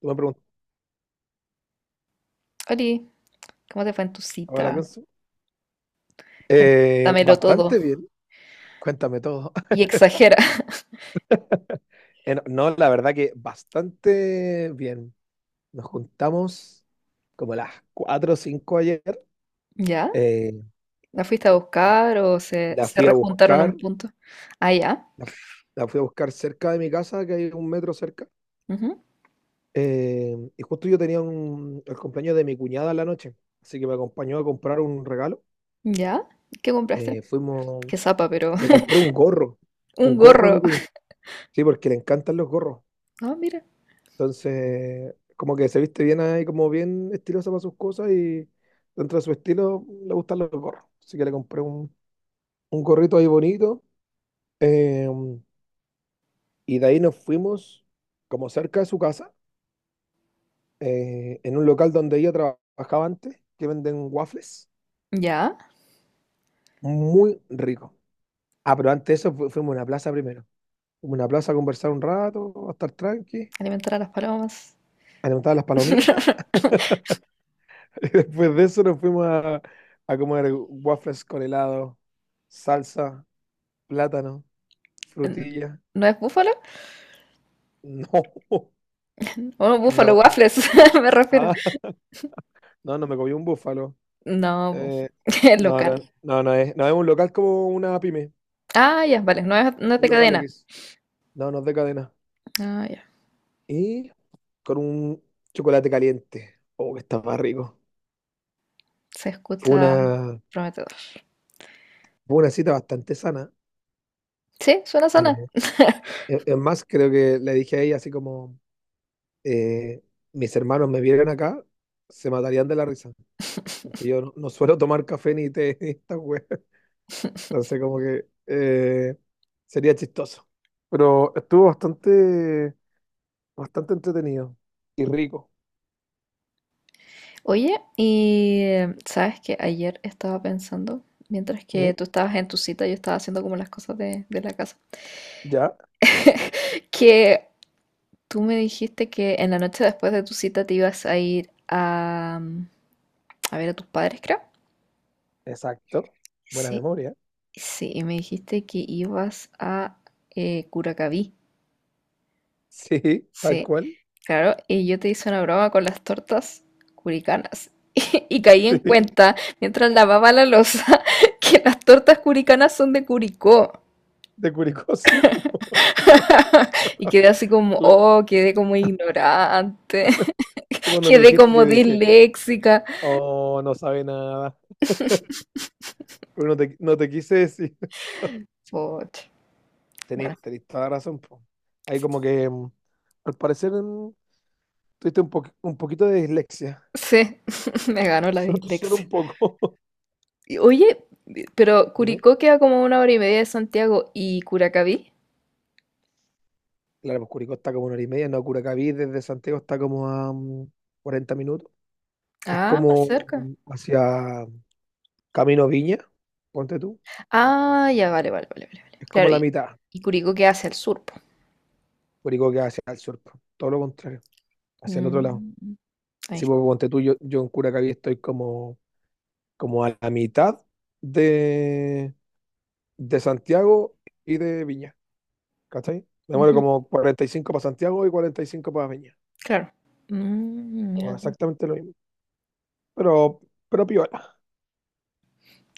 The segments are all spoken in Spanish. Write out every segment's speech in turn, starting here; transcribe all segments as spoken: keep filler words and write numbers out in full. Tú me preguntabas Oli, ¿cómo te fue en tu la cita? canción. Eh, Cuéntamelo todo Bastante bien. Cuéntame todo. y exagera. Eh, no, no, la verdad que bastante bien. Nos juntamos como a las cuatro o cinco ayer. ¿Ya? Eh, ¿La fuiste a buscar o se, la se fui a rejuntaron a buscar. un punto? Ah, ya. La, fu- la fui a buscar cerca de mi casa, que hay un metro cerca. Ujú. Eh, y justo yo tenía un- el cumpleaños de mi cuñada en la noche. Así que me acompañó a comprar un regalo. ¿Ya? ¿Qué compraste? Eh, fuimos, Qué zapa, pero Le compré un gorro. un Un gorro a mi gorro. cuñada. Sí, porque le encantan los gorros. Ah, mira. Entonces, como que se viste bien ahí, como bien estilosa para sus cosas y dentro de su estilo le gustan los gorros. Así que le compré un, un gorrito ahí bonito. eh, y de ahí nos fuimos como cerca de su casa, eh, en un local donde ella trabajaba antes, que venden waffles. ¿Ya? Muy rico. Ah, pero antes de eso fu- fuimos a una plaza primero. Fuimos a una plaza a conversar un rato, a estar tranqui, Alimentar a las palomas. a levantar las palomitas. Y después de eso nos fuimos a, a comer waffles con helado, salsa, plátano, frutilla. ¿No es búfalo? No, Oh, búfalo no, waffles, me refiero. ah, no, no me comí un búfalo. No, po, Eh, es no, local. no, no, no es, no es un local como una pyme, Ah, ya, vale, no es, no es de un local cadena. X. No, no es de cadena. Ah, ya. Y con un chocolate caliente. Oh, que estaba rico. Se Fue escucha una, prometedor. fue una cita bastante sana. Sí, suena sana. Eh, es es más, creo que le dije a ella así como, eh, mis hermanos me vieran acá, se matarían de la risa. Porque yo no, no suelo tomar café ni té ni esta wea. Entonces, como que eh, sería chistoso. Pero estuvo bastante, bastante entretenido y rico. Oye, y eh, sabes que ayer estaba pensando, mientras que ¿Mm? tú estabas en tu cita, yo estaba haciendo como las cosas de, de la casa, Ya, que tú me dijiste que en la noche después de tu cita te ibas a ir a, mm, a ver a tus padres, creo. exacto. Buena Sí, memoria. sí, y me dijiste que ibas a eh, Curacaví. Sí, tal Sí, cual. claro, y yo te hice una broma con las tortas curicanas. Y caí en Sí, cuenta, mientras lavaba la loza, que las tortas curicanas son de Curicó. de Curicó, sí, po. Y quedé así como, Cla- oh, quedé como ignorante, Tú cuando le quedé dijiste, como yo dije, disléxica. oh, no sabe nada. Pero no te, no te quise decir. Pucha, Tení, bueno, Tenés toda la razón, po. Ahí como que, mm, al parecer, mm, tuviste un, po- un poquito de dislexia. sí, me ganó la so- Solo dislexia. un poco. Y, oye, pero Dime. Curicó queda como una hora y media de Santiago y Curacaví. Claro, pues Curicó está como una hora y media, no, Curacaví desde Santiago está como a mm, cuarenta minutos. Es Ah, más como cerca. hacia Camino Viña, ponte tú. Ah, ya, vale, vale, vale, vale, vale, Es Claro, como y, la mitad. y Curicó queda hacia el sur, po. Curicó queda hacia el sur, po, todo lo contrario, hacia el otro lado. Mm, ahí Si pues, está. ponte tú, yo, yo en Curacaví estoy como, como a la mitad de, de Santiago y de Viña, ¿cachai? Me muero Ujú, como cuarenta y cinco para Santiago y cuarenta y cinco para Viña. claro. Mm, Como mira, tú. exactamente lo mismo, pero, pero piola.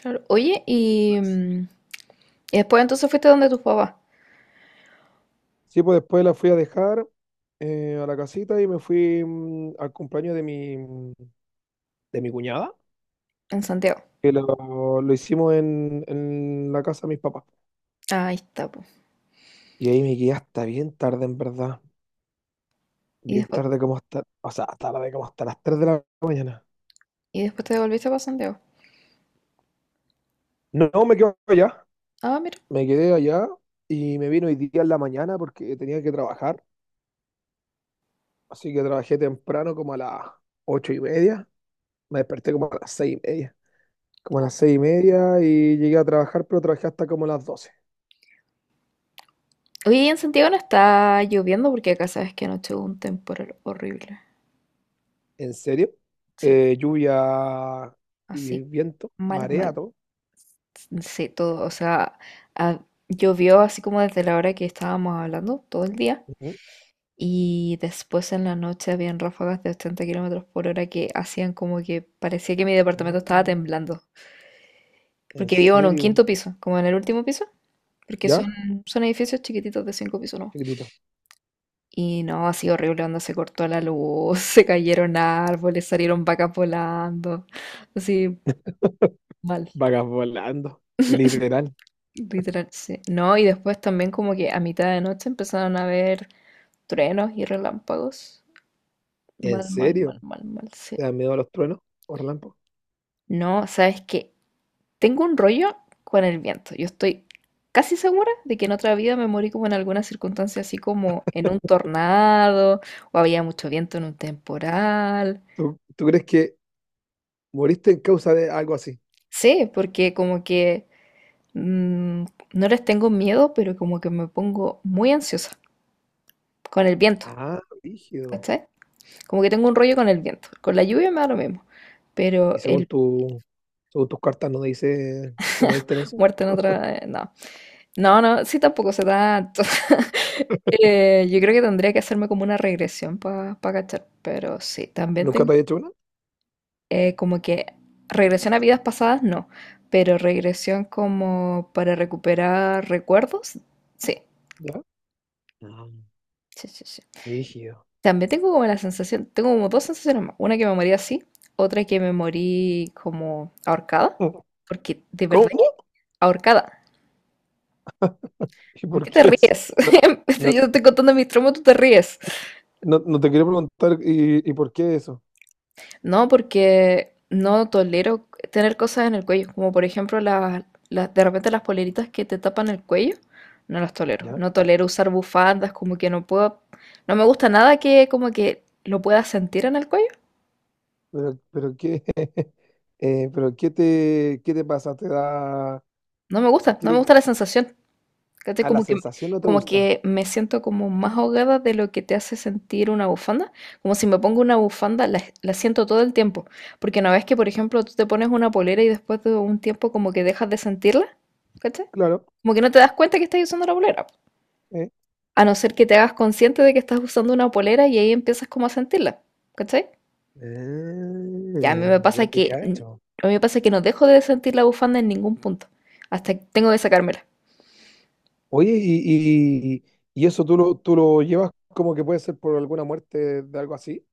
Claro. Oye, y, mm, y después entonces fuiste donde tus papás, Sí, pues después la fui a dejar eh, a la casita y me fui mm, al cumpleaños de mi, de mi cuñada, en Santiago. que lo, lo hicimos en, en la casa de mis papás. Ahí está. Y ahí me quedé hasta bien tarde, en verdad. Y Bien después, tarde como hasta, o sea, hasta la como hasta las tres de la mañana. y después te devolviste para Santiago. No, no, me quedé allá, Ah, mira. me quedé allá y me vino hoy día en la mañana porque tenía que trabajar. Así que trabajé temprano como a las ocho y media. Me desperté como a las seis y media. Como a las seis y media y llegué a trabajar, pero trabajé hasta como a las doce. Oye, en Santiago no está lloviendo porque acá sabes que anoche hubo un temporal horrible. ¿En serio? Sí, Eh, lluvia y así. viento, Mal, marea, mal. todo. Sí, todo. O sea, ah, llovió así como desde la hora que estábamos hablando, todo el día. Ujú. Y después en la noche habían ráfagas de ochenta kilómetros por hora que hacían como que parecía que mi departamento estaba Mm, temblando. ¿en Porque vivo en un serio? quinto piso, como en el último piso. Porque son, ¿Ya? son edificios chiquititos de cinco pisos, ¿no? Chiquitito. Y no, ha sido horrible cuando se cortó la luz, se cayeron árboles, salieron vacas volando, así mal, Vagas volando, literal. literal, sí. No, y después también como que a mitad de noche empezaron a haber truenos y relámpagos. ¿En Mal, mal, serio? mal, mal, mal, sí. ¿Te dan miedo a los truenos o relámpagos? No, sabes que tengo un rollo con el viento. Yo estoy casi segura de que en otra vida me morí como en alguna circunstancia, así como en un tornado, o había mucho viento en un temporal. ¿Tú, tú crees que moriste en causa de algo así? Sí, porque como que mm, no les tengo miedo, pero como que me pongo muy ansiosa con el viento, Ah, rígido. ¿cachai? Como que tengo un rollo con el viento. Con la lluvia me da lo mismo, Y pero según el tu, según tus cartas no dice que moriste en eso. muerto en otra. eh, No, no, no, sí tampoco se da. Eh, yo creo que tendría que hacerme como una regresión para cachar, pero sí, también ¿Nunca tengo te había hecho una? eh, como que regresión a vidas pasadas, no, pero regresión como para recuperar recuerdos, sí, ¿Ya? Ah, sí, sí, sí. rígido. También tengo como la sensación, tengo como dos sensaciones más. Una que me morí así, otra que me morí como ahorcada. Porque de ¿Cómo? verdad que ahorcada. ¿Y ¿Por por qué te qué eso? ríes? No, Yo no. te estoy contando mis traumas, tú te ríes. No, no te quiero preguntar, ¿y, y por qué eso? No, porque no tolero tener cosas en el cuello. Como por ejemplo las, las- de repente las poleritas que te tapan el cuello. No las tolero. ¿Ya? No tolero usar bufandas, como que no puedo. No me gusta nada que como que lo pueda sentir en el cuello. Pero, pero qué, eh, pero qué te, qué te pasa, te da, No me gusta, no me qué, gusta la sensación. ¿Cachai? a la Como que, sensación no te como gusta. que me siento como más ahogada de lo que te hace sentir una bufanda. Como si me pongo una bufanda, la, la siento todo el tiempo. Porque no ves que, por ejemplo, tú te pones una polera y después de un tiempo como que dejas de sentirla. ¿Cachai? Claro, Como que no te das cuenta que estás usando la polera. eh. A no ser que te hagas consciente de que estás usando una polera y ahí empiezas como a sentirla. ¿Cachai? Y a mí Eh, me pasa Ya te que, cacho. a mí me pasa que no dejo de sentir la bufanda en ningún punto. Hasta que tengo que sacármela. Oye, y, y, y eso tú lo, tú lo llevas como que puede ser por alguna muerte de algo así.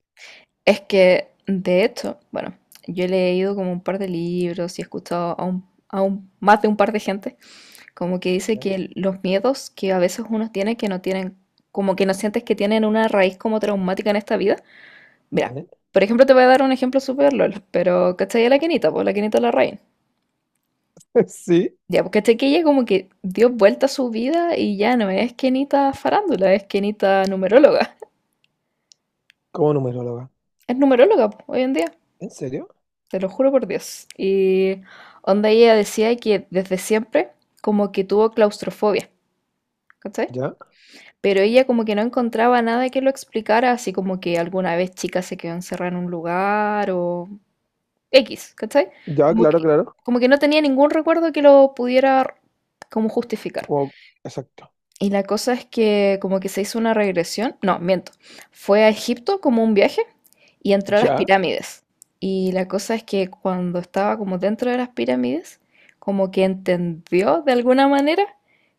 Es que, de hecho, bueno, yo he leído como un par de libros y he escuchado a un, a un- más de un par de gente, como que dice ¿Ya? que los miedos que a veces uno tiene que no tienen, como que no sientes que tienen una raíz como traumática en esta vida. Mira, ¿Eh? por ejemplo, te voy a dar un ejemplo súper lol, pero ¿cachai a la Kenita? Pues la Kenita Larraín. Sí, Ya, porque cachai que ella como que dio vuelta a su vida y ya no es Kenita farándula, es Kenita numeróloga. como numeróloga. Es numeróloga po, hoy en día. ¿En serio? Te lo juro por Dios. Y onda ella decía que desde siempre como que tuvo claustrofobia, ¿cachai? ¿Ya? Pero ella como que no encontraba nada que lo explicara, así como que alguna vez chica se quedó encerrada en un lugar o X, ¿cachai? Ya, Como claro, que, claro. como que no tenía ningún recuerdo que lo pudiera como justificar. Como, exacto. Y la cosa es que como que se hizo una regresión, no, miento, fue a Egipto como un viaje y entró a las ¿Ya? pirámides. Y la cosa es que cuando estaba como dentro de las pirámides, como que entendió de alguna manera,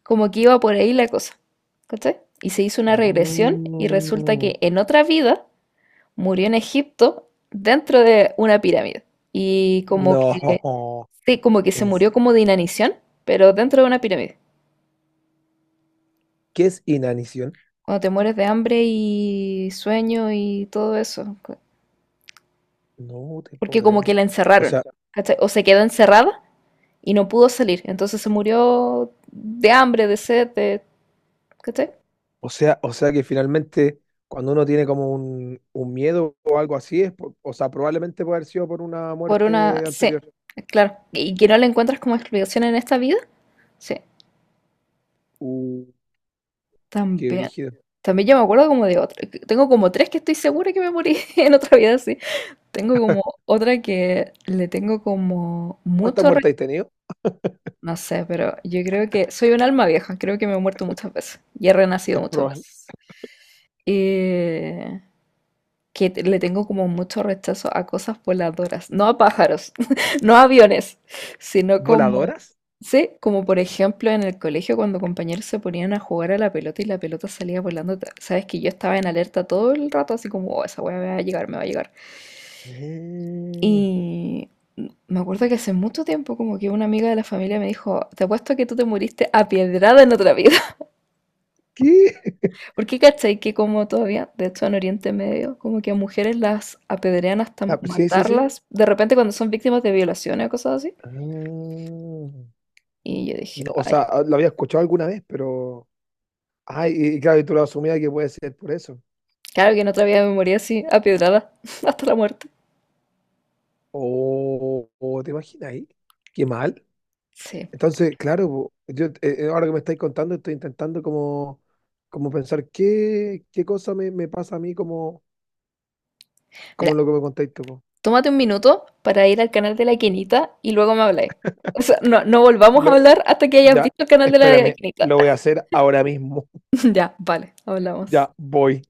como que iba por ahí la cosa. ¿Cachai? Y se hizo una regresión y resulta Mm, que en otra vida murió en Egipto dentro de una pirámide. Y como que, no. sí, como que se Es- murió como de inanición, pero dentro de una pirámide. ¿Qué es inanición? Cuando te mueres de hambre y sueño y todo eso. co- No te puedo Porque como creer. que la O encerraron, sea, ¿cachai? O se quedó encerrada y no pudo salir. Entonces se murió de hambre, de sed, de, ¿cachai? o sea, o sea que finalmente cuando uno tiene como un, un miedo o algo así, es por- o sea, probablemente puede haber sido por una Por una. muerte Sí, anterior. claro. Y que no le encuentras como explicación en esta vida. Sí, Uh, Qué también. brígido. También yo me acuerdo como de otra. Tengo como tres que estoy segura que me morí en otra vida, sí. Tengo como otra que le tengo como ¿Cuántas mucho. muertes has tenido? No sé, pero yo creo que soy un alma vieja, creo que me he muerto muchas veces y he renacido muchas Proba- veces. Eh, que te- le tengo como mucho rechazo a cosas voladoras, no a pájaros, no a aviones, sino como, ¿Voladoras? sí, como por ejemplo en el colegio cuando compañeros se ponían a jugar a la pelota y la pelota salía volando, ta- sabes que yo estaba en alerta todo el rato, así como, "Oh, esa weá me va a llegar, me va a llegar". Eh, Y me acuerdo que hace mucho tiempo, como que una amiga de la familia me dijo, te apuesto que tú te muriste apiedrada en otra vida. ¿Qué? Porque cachai que como todavía, de hecho en Oriente Medio, como que a mujeres las apedrean hasta Ah, sí, sí, sí. matarlas, de repente cuando son víctimas de violaciones o cosas así. Ah, no, Y yo dije, o ay, sea, ah, lo había escuchado alguna vez, pero. Ay, y, y claro, y tú lo asumías que puede ser por eso. claro que en otra vida me morí así, apiedrada, hasta la muerte. O, o, ¿te imaginas ahí? Qué mal. Sí. Entonces, claro, po, yo eh, eh, ahora que me estáis contando, estoy intentando como, como pensar qué, qué cosa me, me pasa a mí como, Mira, como lo que me contáis tú, po. tómate un minuto para ir al canal de la Quinita y luego me habláis. O sea, no, no volvamos a Lo- hablar hasta que hayas ya, visto el canal de la espérame, Quinita. lo voy a hacer ahora mismo. Ya, vale, hablamos. Ya voy.